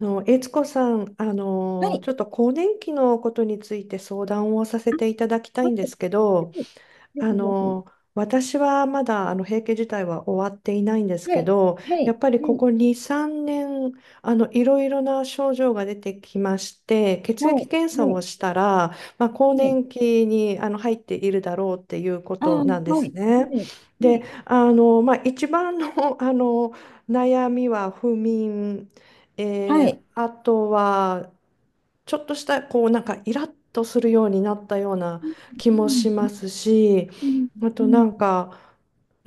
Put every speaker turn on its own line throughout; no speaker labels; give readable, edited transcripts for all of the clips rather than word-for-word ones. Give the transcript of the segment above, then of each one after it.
悦子さん、
はい。
ちょっと更年期のことについて相談をさせていただきた
は
い
い。
んで
は
すけど、
い。ぜ
あ
ひぜひ。
の、私はまだ閉経自体は終わっていないんです
は
け
い。
ど、
は
や
い。
っぱりこ
はい。
こ2、3年、いろいろな症状が出てきまして、
は
血液検査を
い。
したら、まあ、更
はい。
年期に入っているだろうっていうこ
ああ。
と
はい。
なんですね。
はい。は
で、
い。
まあ、一番の、あの悩みは不眠、
はい。
あとは、ちょっとしたこうなんかイラッとするようになったような
う
気もしま
ん。
すし、
うん。
あ
う
とな
ん。
んか、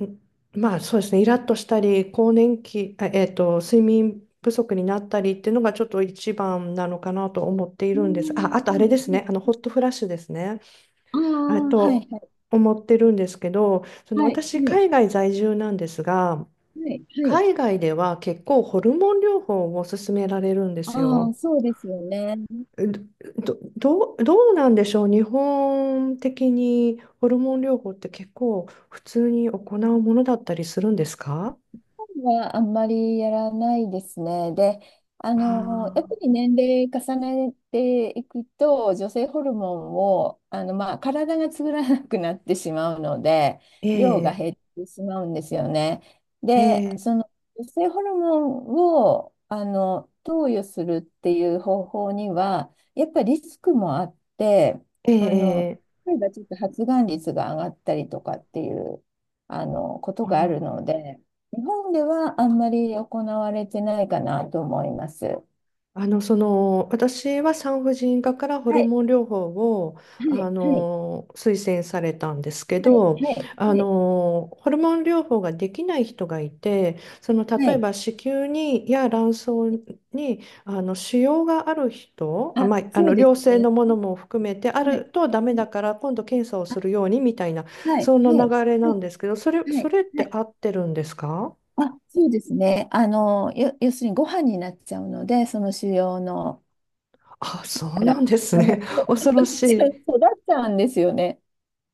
んまあそうですね、イラッとしたり、更年期、睡眠不足になったりっていうのがちょっと一番なのかなと思ってい
う
るんです。あ、あとあれです
ん。
ね、ホットフラッシュですね。
あ
えっ
あ。はい。
と、
はい。
思ってるんですけど、その
はい。
私、
はい。
海外在住なんですが、
はい。はい。
海外では結構ホルモン療法を勧められるんです
ああ、
よ。
そうですよね。
どうなんでしょうね。日本的にホルモン療法って結構普通に行うものだったりするんですか？
はあんまりやらないですね。で、やっぱ
ああ、
り年齢重ねていくと、女性ホルモンを、まあ、体が作らなくなってしまうので、
ー、え
量が
え、
減ってしまうんですよね。
え
で、
え、
その女性ホルモンを、投与するっていう方法には、やっぱりリスクもあって、
え
あの、
え、ええ、
例えばちょっと発がん率が上がったりとかっていう、こと
あ
があるの
ー。
で、日本ではあんまり行われてないかなと思います。は
その、私は産婦人科からホルモ
い、
ン療法を、
はい、はい、
推薦されたんですけ
はい、は
ど、
い、はい、
ホルモン療法ができない人がいて、その、
は
例え
い。
ば子宮に、や卵巣に、腫瘍がある人、あ、
あ、
まあ、
そうです
良性
ね。
のものも含めて、あ
はい、
るとダメ
は
だ
い。
から、今度検査を
あ、
するように、みたいな、
はい、は
そんな
い、
流れ
は
なん
い、
ですけど、
は
そ
い。
れっ
は
て
い。
合ってるんですか？
あ、そうですね。要するにご飯になっちゃうので、その腫瘍の、
あ、そう
あら、
なんです
あの、
ね。恐
育
ろ
っ
し
ちゃう
い。
育っちゃうんですよね。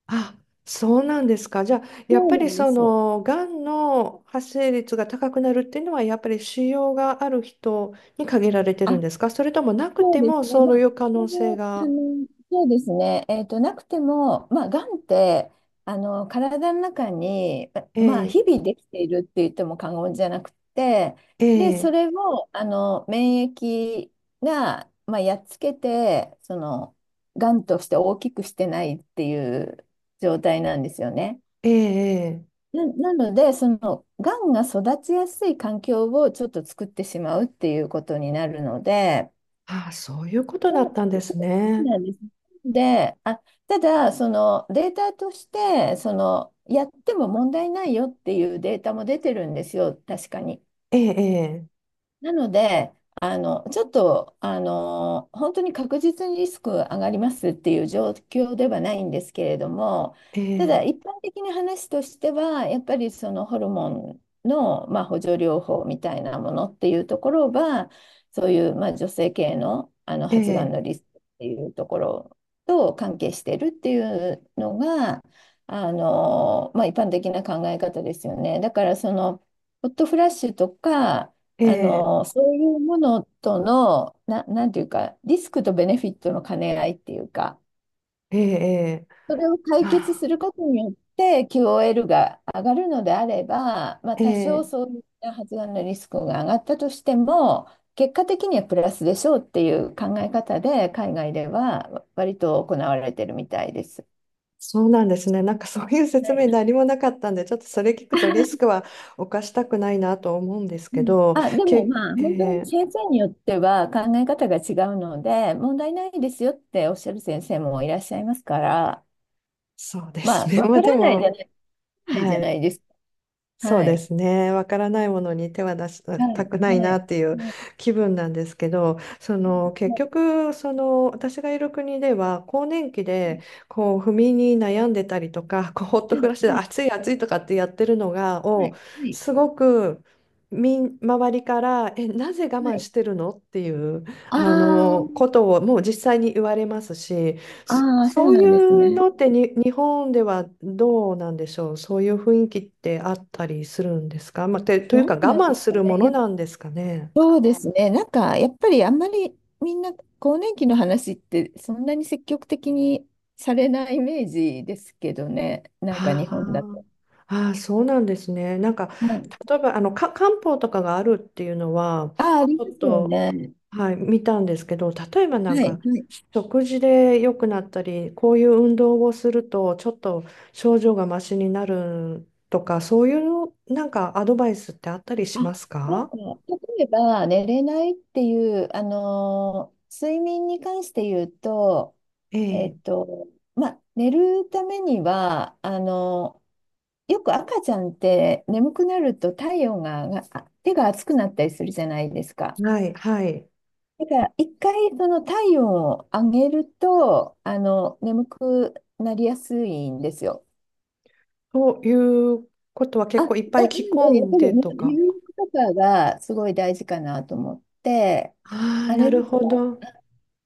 あ、そうなんですか。じゃあ、やっ
そう
ぱ
な
り
んで
そ
す。
の、がんの発生率が高くなるっていうのは、やっぱり腫瘍がある人に限られてる
あ、
んですか？それともなく
そう
て
で
も、
すね。
そ
ま
う
あ、
いう
こ
可
こ
能性
も
が。
そうですね。なくても、まあ、がんって、体の中に、
え
まあ、
え、
日々できているって言っても過言じゃなくて、
え
で、そ
え、
れを、免疫が、まあ、やっつけて、その、がんとして大きくしてないっていう状態なんですよね。
ええ、ええ。
なので、その、がんが育ちやすい環境をちょっと作ってしまうっていうことになるので、
ああ、そういうことだったんです
そう
ね。
なんです。で、あ、ただ、そのデータとして、そのやっても問題ないよっていうデータも出てるんですよ、確かに。
ええ、
なので、ちょっと、本当に確実にリスク上がりますっていう状況ではないんですけれども、
ええ、
た
え
だ
え、
一般的な話としては、やっぱりそのホルモンの、まあ、補助療法みたいなものっていうところは、そういう、まあ、女性系の、
え
発がん
え、
のリスクっていうところと関係してるっていうのが、まあ、一般的な考え方ですよね。だからそのホットフラッシュとか
ええ、
そういうものとの、なんていうか、リスクとベネフィットの兼ね合いっていうか、
ええ、ええ、
それを解
ま
決す
あ、
ることによって QOL が上がるのであれば、まあ、多少
ええ。
そういった発がんのリスクが上がったとしても、結果的にはプラスでしょうっていう考え方で、海外では割と行われてるみたいです。
そうなんですね。なんかそういう
は
説
い、
明何もなかったんで、ちょっとそれ聞くとリスクは犯したくないなと思うんです
う
け
ん。
ど、
あ、でも
け、
まあ、
え
本当に
ー
先生によっては考え方が違うので、問題ないですよっておっしゃる先生もいらっしゃいますから、
そうです
まあ、
ね。まあでも、
わからないじゃ
は
な
い。
いですか。
そう
は
で
い。
すね。わからないものに手は出し
は
た
い。
くない
は
な
い。
っていう
はい。
気分なんですけど、その結
は
局、その私がいる国では、更年期でこう不眠に悩んでたりとか、こうホッ
い。
ト
はい。
フラッシュで
はい。
暑い暑いとかってやってるのが、
はい。はい。
すごく周りから、え、なぜ我
は
慢
い。
してるのっていうあ
あ
のことをもう実際に言われますし、
あ、ああ、そ
そ
う
う
な
い
んです
う
ね。
のってに日本ではどうなんでしょう。そういう雰囲気ってあったりするんですか。まあ、とい
ど
うか
う
我
なんで
慢
す
す
か
るも
ね。い
の
や、
なんですかね。
そうですね。なんか、やっぱりあんまりみんな更年期の話ってそんなに積極的にされないイメージですけどね。なんか
あ
日本だ
ー、
と。
あー、そうなんですね。なんか
はい。
例えばあのか漢方とかがあるっていうのは
ああ、あり
ち
ま
ょっ
すよ
と、
ね。
はい、見たんですけど、例えばなん
はい。
か
はい。
食事で良くなったり、こういう運動をするとちょっと症状がマシになるとか、そういうなんかアドバイスってあったり
あ。
します
なん
か？
か、例えば、寝れないっていう、睡眠に関して言うと、
え
えっ
え、
と、まあ、寝るためには、よく赤ちゃんって眠くなると体温が、が、あ手が熱くなったりするじゃないですか。
はい、はい。
だから、一回その体温を上げると、眠くなりやすいんですよ。
ということは
あ、
結構いっぱい
な
着
ん
込
で、やっ
ん
ぱ
で
りね、
とか。
入浴とかがすごい大事かなと思って、
ああ、
あ
な
れで
る
す
ほ
か、
ど。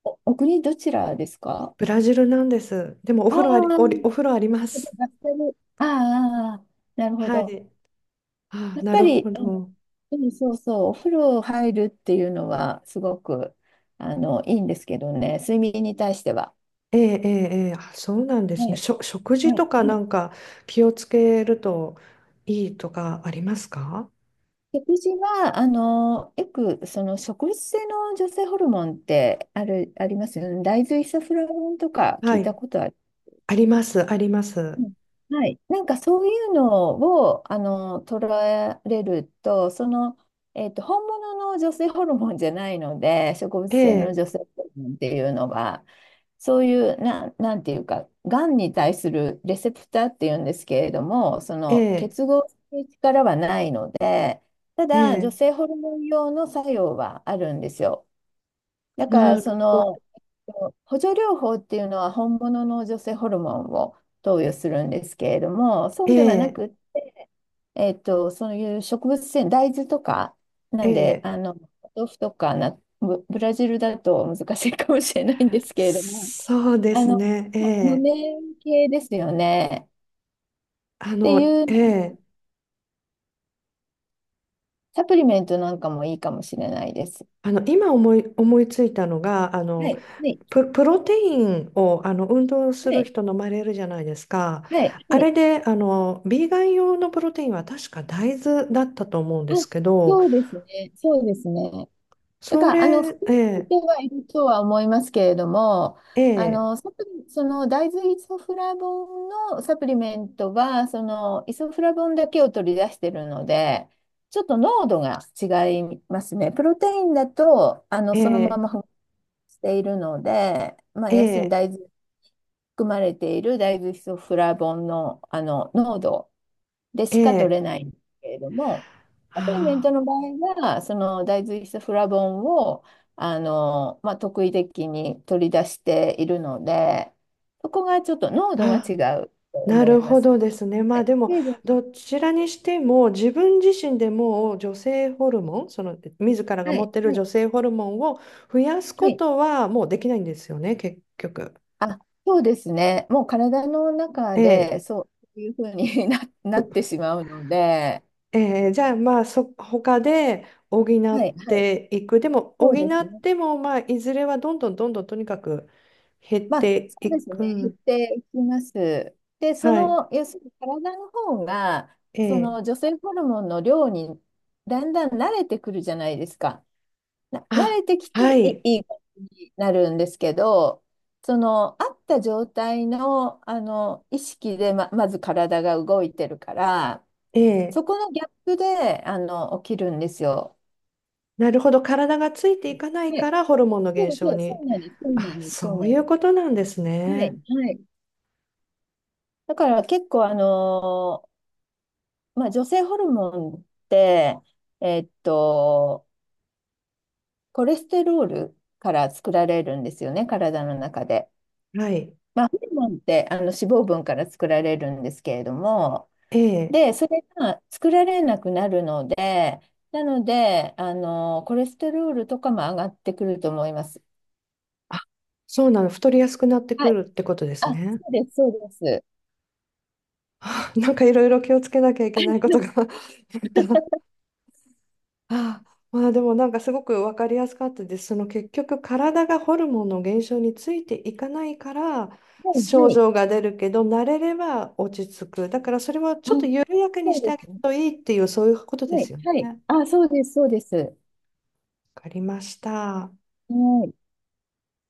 お国どちらですか？
ブラジルなんです。でも
ああー、
お風呂あります。
やっぱり。ああ、なるほ
は
ど。
い。ああ、
やっ
な
ぱ
る
り、
ほど。
うん。そうそう、お風呂入るっていうのはすごくいいんですけどね、睡眠に対しては。
ええ、ええ、ええ。あ、そうなんで
は
すね。
い、
食事
は
と
い、
か
は
な
い。
んか気をつけるといいとかありますか？
食事は、よく、その植物性の女性ホルモンってある、ありますよね。大豆イソフラボンとか聞
は
いた
い。
ことあ。
あります、ありま
う
す。
ん。はい。なんかそういうのを、捉えれると、本物の女性ホルモンじゃないので、植物
え
性の
え、
女性ホルモンっていうのは、そういう、なんていうか、がんに対するレセプターっていうんですけれども、そ
え
の
え、
結合する力はないので、た
え
だ、女
え、
性ホルモン用の作用はあるんですよ。だから
な
そ
るほ
の
ど。
補助療法っていうのは本物の女性ホルモンを投与するんですけれども、そ
え
うではな
え、
く、そういう植物性、大豆とか、な
え
んで、
え、
お豆腐とかな、ブラジルだと難しいかもしれないんですけれども、
そうで
あ
す
の、
ね。え
ま
え。
豆系ですよね。っていう
ええ、
サプリメントなんかもいいかもしれないです。
今思い、思いついたのが、
はい、はい、
プロテインを、運動す
は
る
い、
人飲まれるじゃないですか。
はい、は
あれ
い。
で、ビーガン用のプロテインは確か大豆だったと思うん
あ、
ですけど、
そうですね、そうですね。だ
そ
から、
れ、
含
え
まれ
え、
てはいるとは思いますけれども、
ええ、
サプリ、その大豆イソフラボンのサプリメントは、そのイソフラボンだけを取り出してるので、ちょっと濃度が違いますね。プロテインだと、
え
そのま
え、
ま含まれているので、まあ、
え
要するに
え、
大豆、含まれている大豆イソフラボンの、濃度で
え
しか取
え、
れないんですけれども、サプリメン
あ
トの場合は、その大豆イソフラボンをまあ、特異的に取り出しているので、そこがちょっと濃度が
あ、
違
あ。
うと
な
思い
る
ま
ほ
す。
どですね。ま
は
あ
い、
でも、
成分。
どちらにしても自分自身でもう女性ホルモン、その自らが
は
持っ
い、
てる
はい、
女性ホルモンを増やす
は
こ
い。
とはもうできないんですよね、結局。
あ、そうですね。もう体の中
ええ、
でそういうふうに なってしまうので、
ええ、じゃあまあ他で補
は
っ
い、はい、
ていく。でも
そ
補
うです
っ
ね。
てもまあいずれはどんどんどんどんとにかく減っ
まあ、
て
そう
い
です
く。う
ね、減っ
ん。
ていきます。で、
はい。
要するに体の方が、
え
そ
え。
の女性ホルモンの量にだんだん慣れてくるじゃないですか。な、慣
あ、
れてきて
は
い
い。
い、いい感じになるんですけど、その、あった状態の、意識でまず体が動いてるから、
ええ。
そこのギャップで、起きるんですよ。
なるほど、体がついていかない
は
か
い。
らホルモンの
そ
減
う
少
そう、そ
に。
うなんです、そうな
あ、
んです、そう
そう
な
い
ん
う
です。
ことなんです
は
ね。
い、はい。だから結構、まあ、女性ホルモンって、えっと、コレステロールから作られるんですよね、体の中で。
はい。
まあ、ホルモンって脂肪分から作られるんですけれども、
ええ。
で、それが作られなくなるので、なので、コレステロールとかも上がってくると思います。
あ、そうなの。太りやすくなって
は
く
い。
るってことで
あ、
すね。
そうです、そうです。
あ、なんかいろいろ気をつけなきゃいけないことが あった。あ、まあでもなんかすごく分かりやすかったです。その結局体がホルモンの減少についていかないから
はい、
症
はい。
状が出るけど慣れれば落ち着く。だからそれはちょ
う
っと
ん、
緩やかに
そ
して
う
あ
で
げる
すね。
といいっていうそういうことで
はい、
すよ
はい。
ね。
あ、そうです、そうです。は
わかりました。
い。